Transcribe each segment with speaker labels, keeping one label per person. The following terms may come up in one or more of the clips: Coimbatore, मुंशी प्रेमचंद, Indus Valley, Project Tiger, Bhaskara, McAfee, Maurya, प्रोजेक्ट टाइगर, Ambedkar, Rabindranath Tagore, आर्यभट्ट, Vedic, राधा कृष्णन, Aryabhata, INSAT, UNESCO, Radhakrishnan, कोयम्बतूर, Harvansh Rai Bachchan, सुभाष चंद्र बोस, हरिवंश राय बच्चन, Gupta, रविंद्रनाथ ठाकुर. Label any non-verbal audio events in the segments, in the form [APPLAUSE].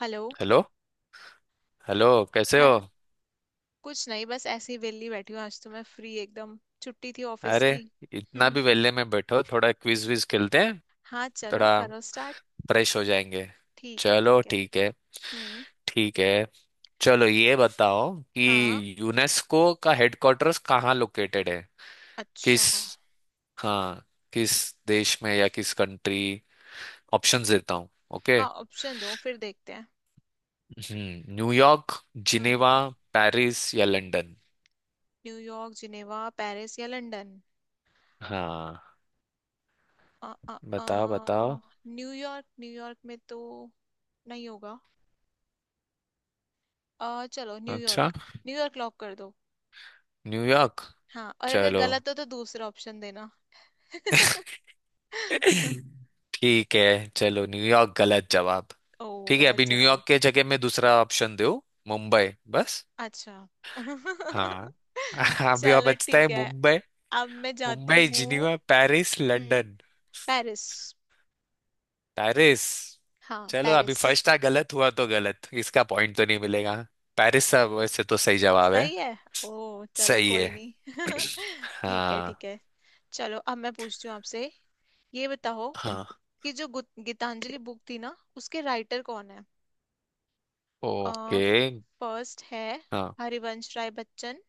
Speaker 1: Hello.
Speaker 2: Hello. Hello. कैसे हो?
Speaker 1: हाँ। कुछ नहीं, बस ऐसे ही वेली बैठी हूँ। आज तो मैं फ्री एकदम, छुट्टी थी ऑफिस की।
Speaker 2: अरे, इतना भी
Speaker 1: [LAUGHS]
Speaker 2: वेले में बैठो, थोड़ा क्विज विज खेलते हैं।
Speaker 1: हाँ चलो
Speaker 2: थोड़ा
Speaker 1: करो स्टार्ट।
Speaker 2: फ्रेश हो जाएंगे।
Speaker 1: ठीक है
Speaker 2: चलो,
Speaker 1: ठीक है।
Speaker 2: ठीक है।
Speaker 1: हम्म।
Speaker 2: ठीक है। चलो, ये बताओ
Speaker 1: हाँ।
Speaker 2: कि यूनेस्को का हेडक्वार्टर्स कहाँ लोकेटेड है? किस
Speaker 1: अच्छा।
Speaker 2: हाँ, किस देश में या किस कंट्री? ऑप्शंस देता हूँ। ओके।
Speaker 1: हाँ ऑप्शन दो फिर देखते हैं।
Speaker 2: न्यूयॉर्क,
Speaker 1: हम्म,
Speaker 2: जिनेवा, पेरिस या लंदन?
Speaker 1: न्यूयॉर्क जिनेवा पेरिस या लंदन।
Speaker 2: हाँ,
Speaker 1: अ अ अ
Speaker 2: बताओ बताओ।
Speaker 1: न्यूयॉर्क, न्यूयॉर्क में तो नहीं होगा। अ चलो
Speaker 2: अच्छा,
Speaker 1: न्यूयॉर्क। न्यूयॉर्क लॉक कर दो।
Speaker 2: न्यूयॉर्क।
Speaker 1: हाँ, और अगर
Speaker 2: चलो।
Speaker 1: गलत हो तो दूसरा ऑप्शन देना। [LAUGHS]
Speaker 2: [LAUGHS] [LAUGHS] ठीक है। चलो, न्यूयॉर्क गलत जवाब।
Speaker 1: ओ,
Speaker 2: ठीक है,
Speaker 1: गलत
Speaker 2: अभी
Speaker 1: जवाब।
Speaker 2: न्यूयॉर्क के जगह में दूसरा ऑप्शन दो। मुंबई। बस।
Speaker 1: अच्छा। [LAUGHS]
Speaker 2: हाँ। [LAUGHS] अभी और
Speaker 1: चलो
Speaker 2: बचता है।
Speaker 1: ठीक है।
Speaker 2: मुंबई
Speaker 1: अब मैं जाती
Speaker 2: मुंबई,
Speaker 1: हूँ।
Speaker 2: जिनीवा, पेरिस,
Speaker 1: हम्म,
Speaker 2: लंदन।
Speaker 1: पेरिस।
Speaker 2: पेरिस।
Speaker 1: हाँ
Speaker 2: चलो, अभी
Speaker 1: पेरिस।
Speaker 2: फर्स्ट था गलत, हुआ तो गलत, इसका पॉइंट तो नहीं मिलेगा। पेरिस सब वैसे तो सही जवाब है।
Speaker 1: सही है। ओ, चलो
Speaker 2: सही
Speaker 1: कोई
Speaker 2: है।
Speaker 1: नहीं। [LAUGHS] ठीक है
Speaker 2: हाँ।
Speaker 1: ठीक है। चलो अब मैं पूछती हूँ आपसे। ये बताओ
Speaker 2: हाँ।
Speaker 1: कि जो गीतांजलि बुक थी ना, उसके राइटर कौन है? आ,
Speaker 2: ओके।
Speaker 1: फर्स्ट है
Speaker 2: हाँ।
Speaker 1: हरिवंश राय बच्चन,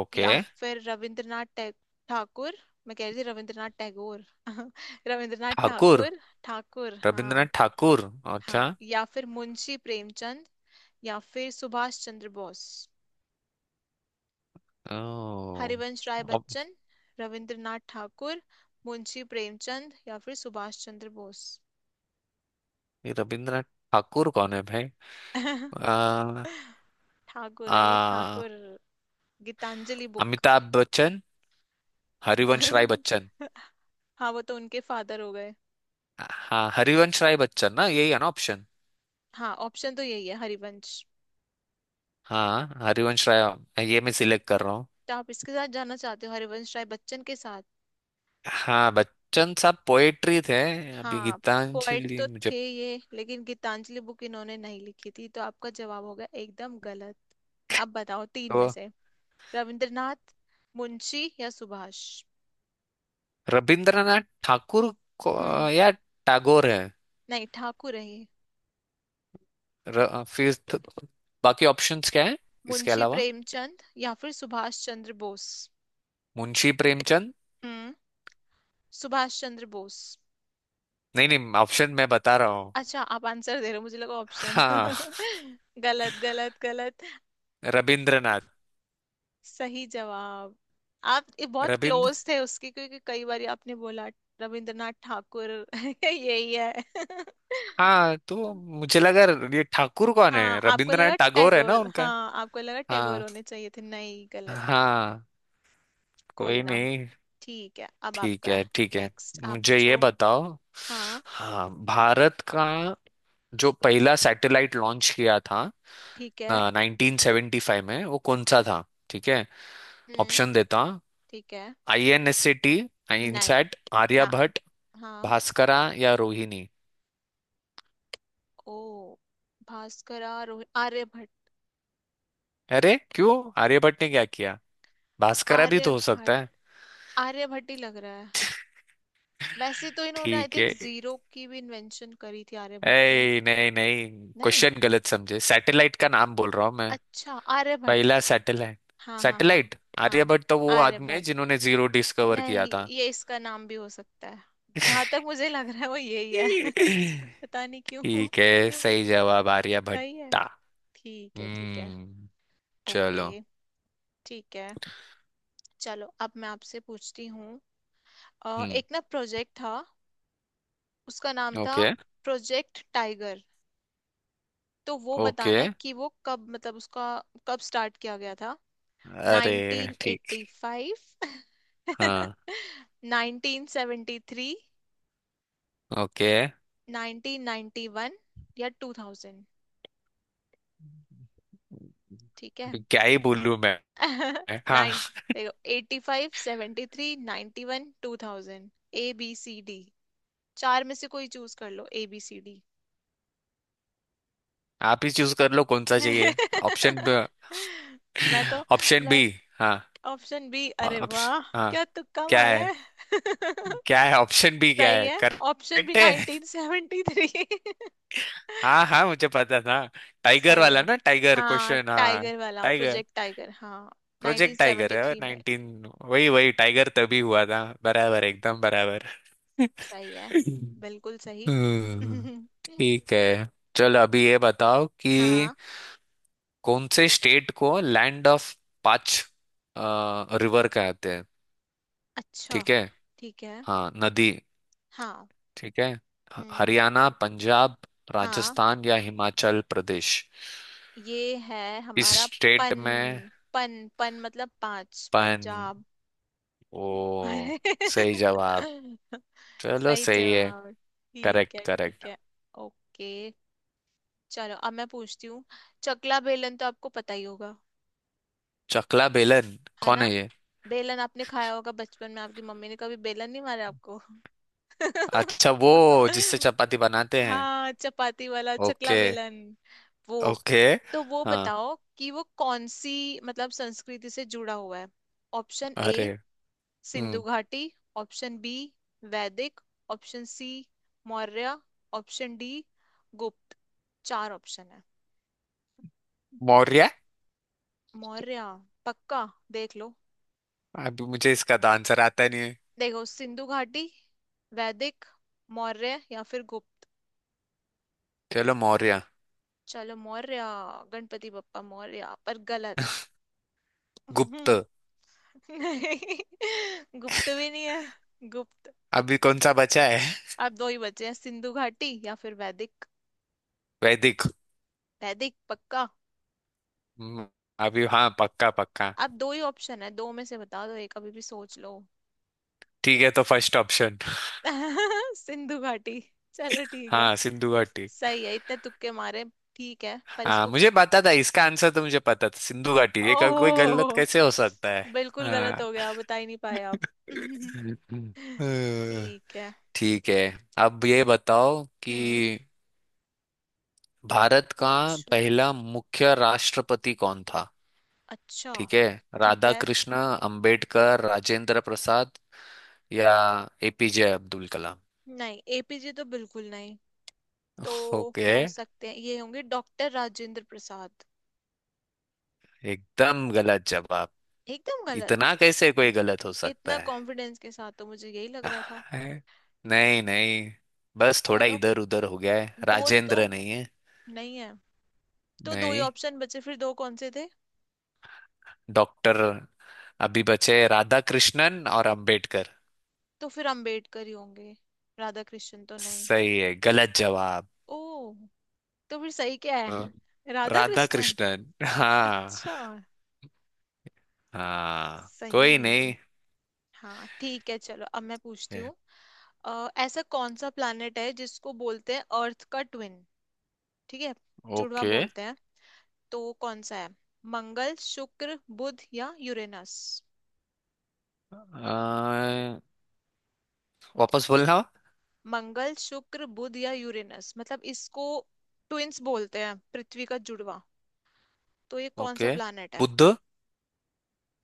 Speaker 2: ओके।
Speaker 1: या फिर रविंद्रनाथ टैग, ठाकुर। मैं कह रही थी रविंद्रनाथ टैगोर। [LAUGHS] रविंद्रनाथ
Speaker 2: ठाकुर?
Speaker 1: ठाकुर, ठाकुर
Speaker 2: रविंद्रनाथ
Speaker 1: हाँ।
Speaker 2: ठाकुर। अच्छा।
Speaker 1: हाँ, या फिर मुंशी प्रेमचंद, या फिर सुभाष चंद्र बोस।
Speaker 2: ओ,
Speaker 1: हरिवंश राय बच्चन, रविंद्रनाथ ठाकुर, मुंशी प्रेमचंद या फिर सुभाष चंद्र बोस।
Speaker 2: ये रविंद्रनाथ ठाकुर कौन है भाई?
Speaker 1: [LAUGHS]
Speaker 2: आ,
Speaker 1: ठाकुर है, ये
Speaker 2: आ,
Speaker 1: ठाकुर। गीतांजलि बुक।
Speaker 2: अमिताभ बच्चन, हरिवंश राय
Speaker 1: [LAUGHS]
Speaker 2: बच्चन।
Speaker 1: हाँ, वो तो उनके फादर हो गए।
Speaker 2: हाँ, हरिवंश राय बच्चन ना, यही है ना ऑप्शन?
Speaker 1: हाँ ऑप्शन तो यही है, हरिवंश।
Speaker 2: हाँ, हरिवंश राय ये मैं सिलेक्ट कर रहा हूँ।
Speaker 1: तो आप इसके साथ जाना चाहते हो, हरिवंश राय बच्चन के साथ?
Speaker 2: हाँ, बच्चन साहब पोएट्री थे। अभी
Speaker 1: हाँ, पोएट
Speaker 2: गीतांजलि
Speaker 1: तो
Speaker 2: मुझे,
Speaker 1: थे ये, लेकिन गीतांजलि बुक इन्होंने नहीं लिखी थी, तो आपका जवाब हो गया एकदम गलत। अब बताओ तीन में
Speaker 2: तो
Speaker 1: से, रविंद्रनाथ, मुंशी या सुभाष।
Speaker 2: रविंद्रनाथ ठाकुर को,
Speaker 1: हम्म।
Speaker 2: या टैगोर है?
Speaker 1: नहीं ठाकुर है ये।
Speaker 2: फिर तो बाकी ऑप्शंस क्या है? इसके
Speaker 1: मुंशी
Speaker 2: अलावा
Speaker 1: प्रेमचंद या फिर सुभाष चंद्र बोस।
Speaker 2: मुंशी प्रेमचंद।
Speaker 1: हम्म, सुभाष चंद्र बोस।
Speaker 2: नहीं नहीं, ऑप्शन मैं बता रहा हूँ।
Speaker 1: अच्छा, आप आंसर दे रहे हो? मुझे लगा ऑप्शन।
Speaker 2: हाँ,
Speaker 1: [LAUGHS] गलत गलत गलत।
Speaker 2: रविंद्रनाथ।
Speaker 1: सही जवाब। आप ये बहुत
Speaker 2: रविंद्र।
Speaker 1: क्लोज थे उसके, क्योंकि कई बार आपने बोला रविंद्रनाथ ठाकुर। [LAUGHS] यही है। [LAUGHS]
Speaker 2: हाँ, तो मुझे लगा ये ठाकुर कौन
Speaker 1: हाँ
Speaker 2: है,
Speaker 1: आपको
Speaker 2: रविंद्रनाथ
Speaker 1: लगा
Speaker 2: टैगोर है ना
Speaker 1: टैगोर,
Speaker 2: उनका।
Speaker 1: हाँ आपको लगा टैगोर
Speaker 2: हाँ।
Speaker 1: होने चाहिए थे, नहीं गलत।
Speaker 2: हाँ,
Speaker 1: कोई
Speaker 2: कोई
Speaker 1: ना।
Speaker 2: नहीं।
Speaker 1: ठीक है अब
Speaker 2: ठीक
Speaker 1: आपका
Speaker 2: है। ठीक है।
Speaker 1: नेक्स्ट आप
Speaker 2: मुझे ये
Speaker 1: पूछो।
Speaker 2: बताओ।
Speaker 1: हाँ।
Speaker 2: हाँ, भारत का जो पहला सैटेलाइट लॉन्च किया था
Speaker 1: ठीक है।
Speaker 2: 1975 में, वो कौन सा था? ठीक है,
Speaker 1: हम्म।
Speaker 2: ऑप्शन देता हूँ।
Speaker 1: ठीक है।
Speaker 2: INSCT,
Speaker 1: नहीं।
Speaker 2: इनसैट,
Speaker 1: ना।
Speaker 2: आर्यभट्ट,
Speaker 1: हाँ।
Speaker 2: भास्करा या रोहिणी?
Speaker 1: ओ। भास्कर, आर्य भट्ट।
Speaker 2: अरे क्यों? आर्यभट्ट ने क्या किया? भास्करा भी
Speaker 1: आर्य
Speaker 2: तो हो
Speaker 1: भट्ट।
Speaker 2: सकता है।
Speaker 1: आर्य भट्ट ही लग रहा। वैसे तो इन्होंने आई
Speaker 2: ठीक
Speaker 1: थिंक
Speaker 2: है।
Speaker 1: जीरो की भी इन्वेंशन करी थी आर्यभट्ट ने।
Speaker 2: ऐ, नहीं नहीं,
Speaker 1: नहीं।
Speaker 2: क्वेश्चन गलत समझे, सैटेलाइट का नाम बोल रहा हूँ मैं।
Speaker 1: अच्छा आर्यभट्ट।
Speaker 2: पहला सैटेलाइट।
Speaker 1: हाँ हाँ हाँ।
Speaker 2: सैटेलाइट।
Speaker 1: हाँ।
Speaker 2: आर्यभट्ट तो वो आदमी है
Speaker 1: आर्यभट्ट।
Speaker 2: जिन्होंने जीरो डिस्कवर
Speaker 1: नहीं
Speaker 2: किया था।
Speaker 1: ये इसका नाम भी हो सकता है। जहां तक
Speaker 2: [LAUGHS]
Speaker 1: मुझे लग रहा है वो यही है। [LAUGHS] पता नहीं क्यों।
Speaker 2: ठीक है, सही जवाब
Speaker 1: सही है।
Speaker 2: आर्यभट्टा।
Speaker 1: ठीक है ठीक है।
Speaker 2: हम्म। चलो।
Speaker 1: ओके ठीक है। चलो अब मैं आपसे पूछती हूँ।
Speaker 2: हम्म।
Speaker 1: एक ना प्रोजेक्ट था, उसका नाम था
Speaker 2: ओके।
Speaker 1: प्रोजेक्ट टाइगर। तो वो
Speaker 2: ओके।
Speaker 1: बताना है कि वो कब मतलब उसका कब स्टार्ट किया गया था।
Speaker 2: अरे
Speaker 1: नाइनटीन
Speaker 2: ठीक।
Speaker 1: एट्टी फाइव
Speaker 2: हाँ।
Speaker 1: [LAUGHS] 1973,
Speaker 2: ओके।
Speaker 1: 1991, या 2000। ठीक है।
Speaker 2: अभी क्या ही बोलूं मैं?
Speaker 1: [LAUGHS]
Speaker 2: हाँ,
Speaker 1: नाइन। देखो eighty five, seventy three, ninety one, two thousand. A B C D, चार में से कोई चूज कर लो, ए बी सी डी।
Speaker 2: आप ही चूज कर लो कौन सा चाहिए। ऑप्शन
Speaker 1: [LAUGHS] मैं तो
Speaker 2: ऑप्शन
Speaker 1: मैं
Speaker 2: बी। हाँ,
Speaker 1: ऑप्शन बी अरे वाह,
Speaker 2: ऑप्शन। हाँ।
Speaker 1: क्या तुक्का
Speaker 2: क्या
Speaker 1: मारा
Speaker 2: है?
Speaker 1: है। [LAUGHS]
Speaker 2: क्या है ऑप्शन भी? क्या
Speaker 1: सही
Speaker 2: है,
Speaker 1: है। ऑप्शन बी
Speaker 2: करेक्ट है?
Speaker 1: 1973। [LAUGHS]
Speaker 2: हाँ हाँ, मुझे पता था। टाइगर
Speaker 1: सही है।
Speaker 2: वाला ना, टाइगर
Speaker 1: हाँ
Speaker 2: क्वेश्चन हाँ।
Speaker 1: टाइगर वाला
Speaker 2: टाइगर।
Speaker 1: प्रोजेक्ट टाइगर हाँ
Speaker 2: प्रोजेक्ट टाइगर है,
Speaker 1: 1973 में।
Speaker 2: नाइनटीन वही वही, टाइगर तभी हुआ था बराबर, एकदम बराबर।
Speaker 1: सही
Speaker 2: [LAUGHS]
Speaker 1: है, बिल्कुल सही।
Speaker 2: हम्म,
Speaker 1: [LAUGHS]
Speaker 2: ठीक है। चलो, अभी ये बताओ कि
Speaker 1: हाँ।
Speaker 2: कौन से स्टेट को लैंड ऑफ पांच रिवर कहते हैं?
Speaker 1: अच्छा।
Speaker 2: ठीक है।
Speaker 1: ठीक है।
Speaker 2: हाँ, नदी।
Speaker 1: हाँ।
Speaker 2: ठीक है।
Speaker 1: हम्म।
Speaker 2: हरियाणा, पंजाब,
Speaker 1: हाँ
Speaker 2: राजस्थान या हिमाचल प्रदेश?
Speaker 1: ये है
Speaker 2: इस
Speaker 1: हमारा
Speaker 2: स्टेट
Speaker 1: पन,
Speaker 2: में
Speaker 1: पन पन मतलब पांच,
Speaker 2: पन।
Speaker 1: पंजाब।
Speaker 2: ओ,
Speaker 1: [LAUGHS]
Speaker 2: सही जवाब। चलो,
Speaker 1: सही
Speaker 2: सही है।
Speaker 1: जवाब।
Speaker 2: Correct correct.
Speaker 1: ठीक है ओके। चलो अब मैं पूछती हूँ। चकला बेलन तो आपको पता ही होगा,
Speaker 2: चकला बेलन?
Speaker 1: है
Speaker 2: कौन है
Speaker 1: ना?
Speaker 2: ये?
Speaker 1: बेलन आपने खाया होगा बचपन में, आपकी मम्मी ने कभी बेलन नहीं मारा आपको?
Speaker 2: अच्छा, वो जिससे
Speaker 1: [LAUGHS]
Speaker 2: चपाती बनाते हैं।
Speaker 1: हाँ चपाती वाला चकला
Speaker 2: ओके।
Speaker 1: बेलन, वो।
Speaker 2: ओके।
Speaker 1: तो वो
Speaker 2: हाँ,
Speaker 1: बताओ कि वो कौन सी मतलब संस्कृति से जुड़ा हुआ है। ऑप्शन
Speaker 2: अरे।
Speaker 1: ए सिंधु
Speaker 2: हम्म,
Speaker 1: घाटी, ऑप्शन बी वैदिक, option C Maurya, option D Gupta. चार ऑप्शन है।
Speaker 2: मौर्य।
Speaker 1: मौर्य? पक्का? देख लो।
Speaker 2: अभी मुझे इसका तो आंसर आता नहीं है।
Speaker 1: देखो सिंधु घाटी, वैदिक, मौर्य या फिर गुप्त।
Speaker 2: चलो मौर्य।
Speaker 1: चलो मौर्य। गणपति बप्पा मौर्य पर गलत।
Speaker 2: गुप्त।
Speaker 1: हम्म। नहीं गुप्त भी नहीं है गुप्त।
Speaker 2: अभी कौन सा बचा है?
Speaker 1: अब दो ही बचे हैं, सिंधु घाटी या फिर वैदिक।
Speaker 2: [LAUGHS] वैदिक।
Speaker 1: वैदिक पक्का?
Speaker 2: हम्म, अभी हाँ, पक्का पक्का।
Speaker 1: अब दो ही ऑप्शन है, दो में से बता दो एक, अभी भी सोच लो।
Speaker 2: ठीक है, तो फर्स्ट ऑप्शन।
Speaker 1: [LAUGHS] सिंधु घाटी, चलो ठीक है।
Speaker 2: हाँ, सिंधु घाटी।
Speaker 1: सही है, इतने तुक्के मारे। ठीक है पर
Speaker 2: हाँ,
Speaker 1: इसको,
Speaker 2: मुझे पता था इसका आंसर, तो मुझे पता था सिंधु घाटी ये, कोई गलत
Speaker 1: ओह,
Speaker 2: कैसे हो सकता है?
Speaker 1: बिल्कुल गलत
Speaker 2: हाँ।
Speaker 1: हो गया बता ही नहीं पाए आप।
Speaker 2: [LAUGHS]
Speaker 1: [LAUGHS]
Speaker 2: हम्म,
Speaker 1: ठीक है।
Speaker 2: ठीक है। अब ये बताओ कि
Speaker 1: हम्म।
Speaker 2: भारत का
Speaker 1: पूछो।
Speaker 2: पहला मुख्य राष्ट्रपति कौन था?
Speaker 1: अच्छा।
Speaker 2: ठीक है।
Speaker 1: ठीक
Speaker 2: राधा
Speaker 1: है।
Speaker 2: कृष्ण, अंबेडकर, राजेंद्र प्रसाद या APJ अब्दुल कलाम?
Speaker 1: नहीं एपीजे तो बिल्कुल नहीं। तो
Speaker 2: ओके।
Speaker 1: हो सकते हैं, ये होंगे डॉक्टर राजेंद्र प्रसाद।
Speaker 2: एकदम गलत जवाब।
Speaker 1: एकदम
Speaker 2: इतना
Speaker 1: गलत।
Speaker 2: कैसे कोई गलत हो सकता?
Speaker 1: इतना कॉन्फिडेंस के साथ तो मुझे यही लग रहा था।
Speaker 2: [LAUGHS] है? नहीं नहीं, बस थोड़ा
Speaker 1: चलो
Speaker 2: इधर उधर हो गया है,
Speaker 1: दो तो
Speaker 2: राजेंद्र नहीं है।
Speaker 1: नहीं है, तो दो ही
Speaker 2: नहीं,
Speaker 1: ऑप्शन बचे। फिर दो कौन से थे?
Speaker 2: डॉक्टर। अभी बचे राधा कृष्णन और अंबेडकर।
Speaker 1: तो फिर अंबेडकर ही होंगे, राधा कृष्ण तो नहीं।
Speaker 2: सही है, गलत जवाब।
Speaker 1: ओ, तो फिर सही क्या
Speaker 2: हाँ।
Speaker 1: है? राधा
Speaker 2: राधा
Speaker 1: कृष्णन?
Speaker 2: कृष्णन। हाँ।
Speaker 1: अच्छा।
Speaker 2: हाँ, कोई
Speaker 1: सही।
Speaker 2: नहीं
Speaker 1: हाँ ठीक है चलो अब मैं पूछती
Speaker 2: है।
Speaker 1: हूँ। ऐसा कौन सा प्लैनेट है जिसको बोलते हैं अर्थ का ट्विन? ठीक है, जुड़वा
Speaker 2: ओके।
Speaker 1: बोलते हैं। तो वो कौन सा है? मंगल, शुक्र, बुध या यूरेनस?
Speaker 2: वापस बोलना।
Speaker 1: मंगल शुक्र बुध या यूरेनस, मतलब इसको ट्विन्स बोलते हैं पृथ्वी का जुड़वा। तो ये कौन सा
Speaker 2: ओके।
Speaker 1: प्लैनेट है?
Speaker 2: बुद्ध।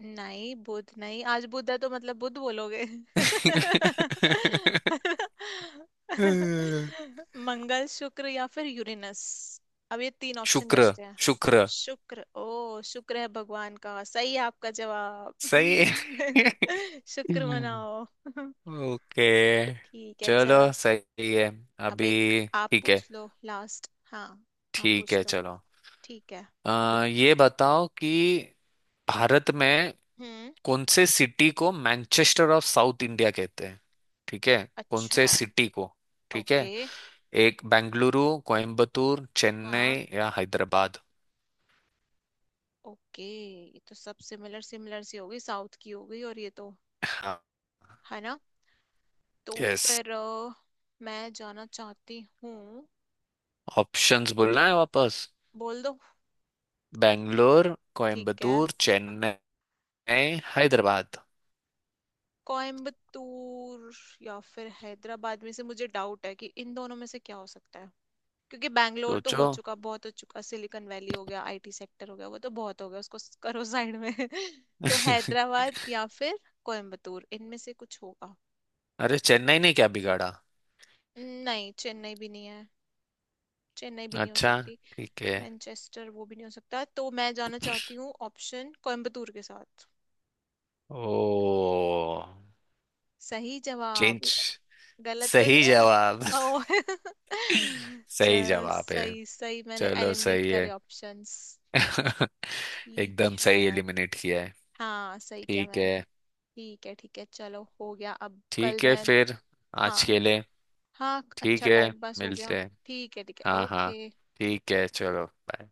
Speaker 1: नहीं बुध नहीं, आज बुध है तो मतलब बुध बोलोगे।
Speaker 2: [LAUGHS]
Speaker 1: [LAUGHS] मंगल, शुक्र या फिर यूरेनस। अब ये तीन ऑप्शन
Speaker 2: शुक्र।
Speaker 1: बचते हैं।
Speaker 2: शुक्र
Speaker 1: शुक्र? ओ शुक्र है भगवान का, सही है आपका जवाब।
Speaker 2: सही है।
Speaker 1: [LAUGHS] शुक्र
Speaker 2: [LAUGHS]
Speaker 1: मनाओ। [LAUGHS]
Speaker 2: ओके।
Speaker 1: ठीक है चला।
Speaker 2: चलो सही है।
Speaker 1: अब एक
Speaker 2: अभी
Speaker 1: आप
Speaker 2: ठीक है।
Speaker 1: पूछ लो लास्ट, हाँ आप
Speaker 2: ठीक
Speaker 1: पूछ
Speaker 2: है,
Speaker 1: लो।
Speaker 2: चलो।
Speaker 1: ठीक है।
Speaker 2: ये बताओ कि भारत में
Speaker 1: हम्म।
Speaker 2: कौन से सिटी को मैनचेस्टर ऑफ साउथ इंडिया कहते हैं? ठीक है। कौन से
Speaker 1: अच्छा।
Speaker 2: सिटी को? ठीक
Speaker 1: ओके।
Speaker 2: है। एक, बेंगलुरु, कोयम्बतूर,
Speaker 1: हाँ।
Speaker 2: चेन्नई या हैदराबाद?
Speaker 1: ओके। ये तो सब सिमिलर सिमिलर सी हो गई, साउथ की हो गई, और ये तो।
Speaker 2: हाँ।
Speaker 1: है ना। तो
Speaker 2: यस,
Speaker 1: फिर मैं जाना चाहती हूँ।
Speaker 2: ऑप्शंस बोलना है वापस।
Speaker 1: बोल दो।
Speaker 2: बेंगलोर,
Speaker 1: ठीक है।
Speaker 2: कोयम्बतूर, चेन्नई, हैदराबाद।
Speaker 1: कोयम्बतूर या फिर हैदराबाद में से, मुझे डाउट है कि इन दोनों में से क्या हो सकता है। क्योंकि बैंगलोर तो हो
Speaker 2: सोचो।
Speaker 1: चुका, बहुत हो चुका, सिलिकॉन वैली हो गया, आईटी सेक्टर हो गया, वो तो बहुत हो गया, उसको करो साइड में। [LAUGHS] तो
Speaker 2: [LAUGHS]
Speaker 1: हैदराबाद या फिर कोयम्बतूर, इनमें से कुछ होगा।
Speaker 2: अरे, चेन्नई ने क्या बिगाड़ा?
Speaker 1: नहीं, चेन्नई भी नहीं है। चेन्नई भी नहीं हो
Speaker 2: अच्छा,
Speaker 1: सकती।
Speaker 2: ठीक है।
Speaker 1: मैनचेस्टर वो भी नहीं हो सकता, तो मैं जाना चाहती हूँ ऑप्शन कोयम्बतूर के साथ।
Speaker 2: ओ,
Speaker 1: सही
Speaker 2: चिंच।
Speaker 1: जवाब? गलत तो
Speaker 2: सही
Speaker 1: नहीं है?
Speaker 2: जवाब।
Speaker 1: ओ।
Speaker 2: [LAUGHS]
Speaker 1: [LAUGHS]
Speaker 2: सही
Speaker 1: चलो
Speaker 2: जवाब है।
Speaker 1: सही, सही। मैंने
Speaker 2: चलो
Speaker 1: एलिमिनेट
Speaker 2: सही
Speaker 1: करे
Speaker 2: है।
Speaker 1: ऑप्शंस।
Speaker 2: [LAUGHS] एकदम
Speaker 1: ठीक है।
Speaker 2: सही एलिमिनेट किया है।
Speaker 1: हाँ सही किया
Speaker 2: ठीक
Speaker 1: मैंने।
Speaker 2: है।
Speaker 1: ठीक है चलो हो गया अब कल
Speaker 2: ठीक है
Speaker 1: मैं।
Speaker 2: फिर,
Speaker 1: हाँ।
Speaker 2: आज के लिए
Speaker 1: हाँ,
Speaker 2: ठीक
Speaker 1: अच्छा
Speaker 2: है,
Speaker 1: टाइम पास हो गया।
Speaker 2: मिलते हैं।
Speaker 1: ठीक है
Speaker 2: हाँ हाँ,
Speaker 1: ओके।
Speaker 2: ठीक है, चलो बाय।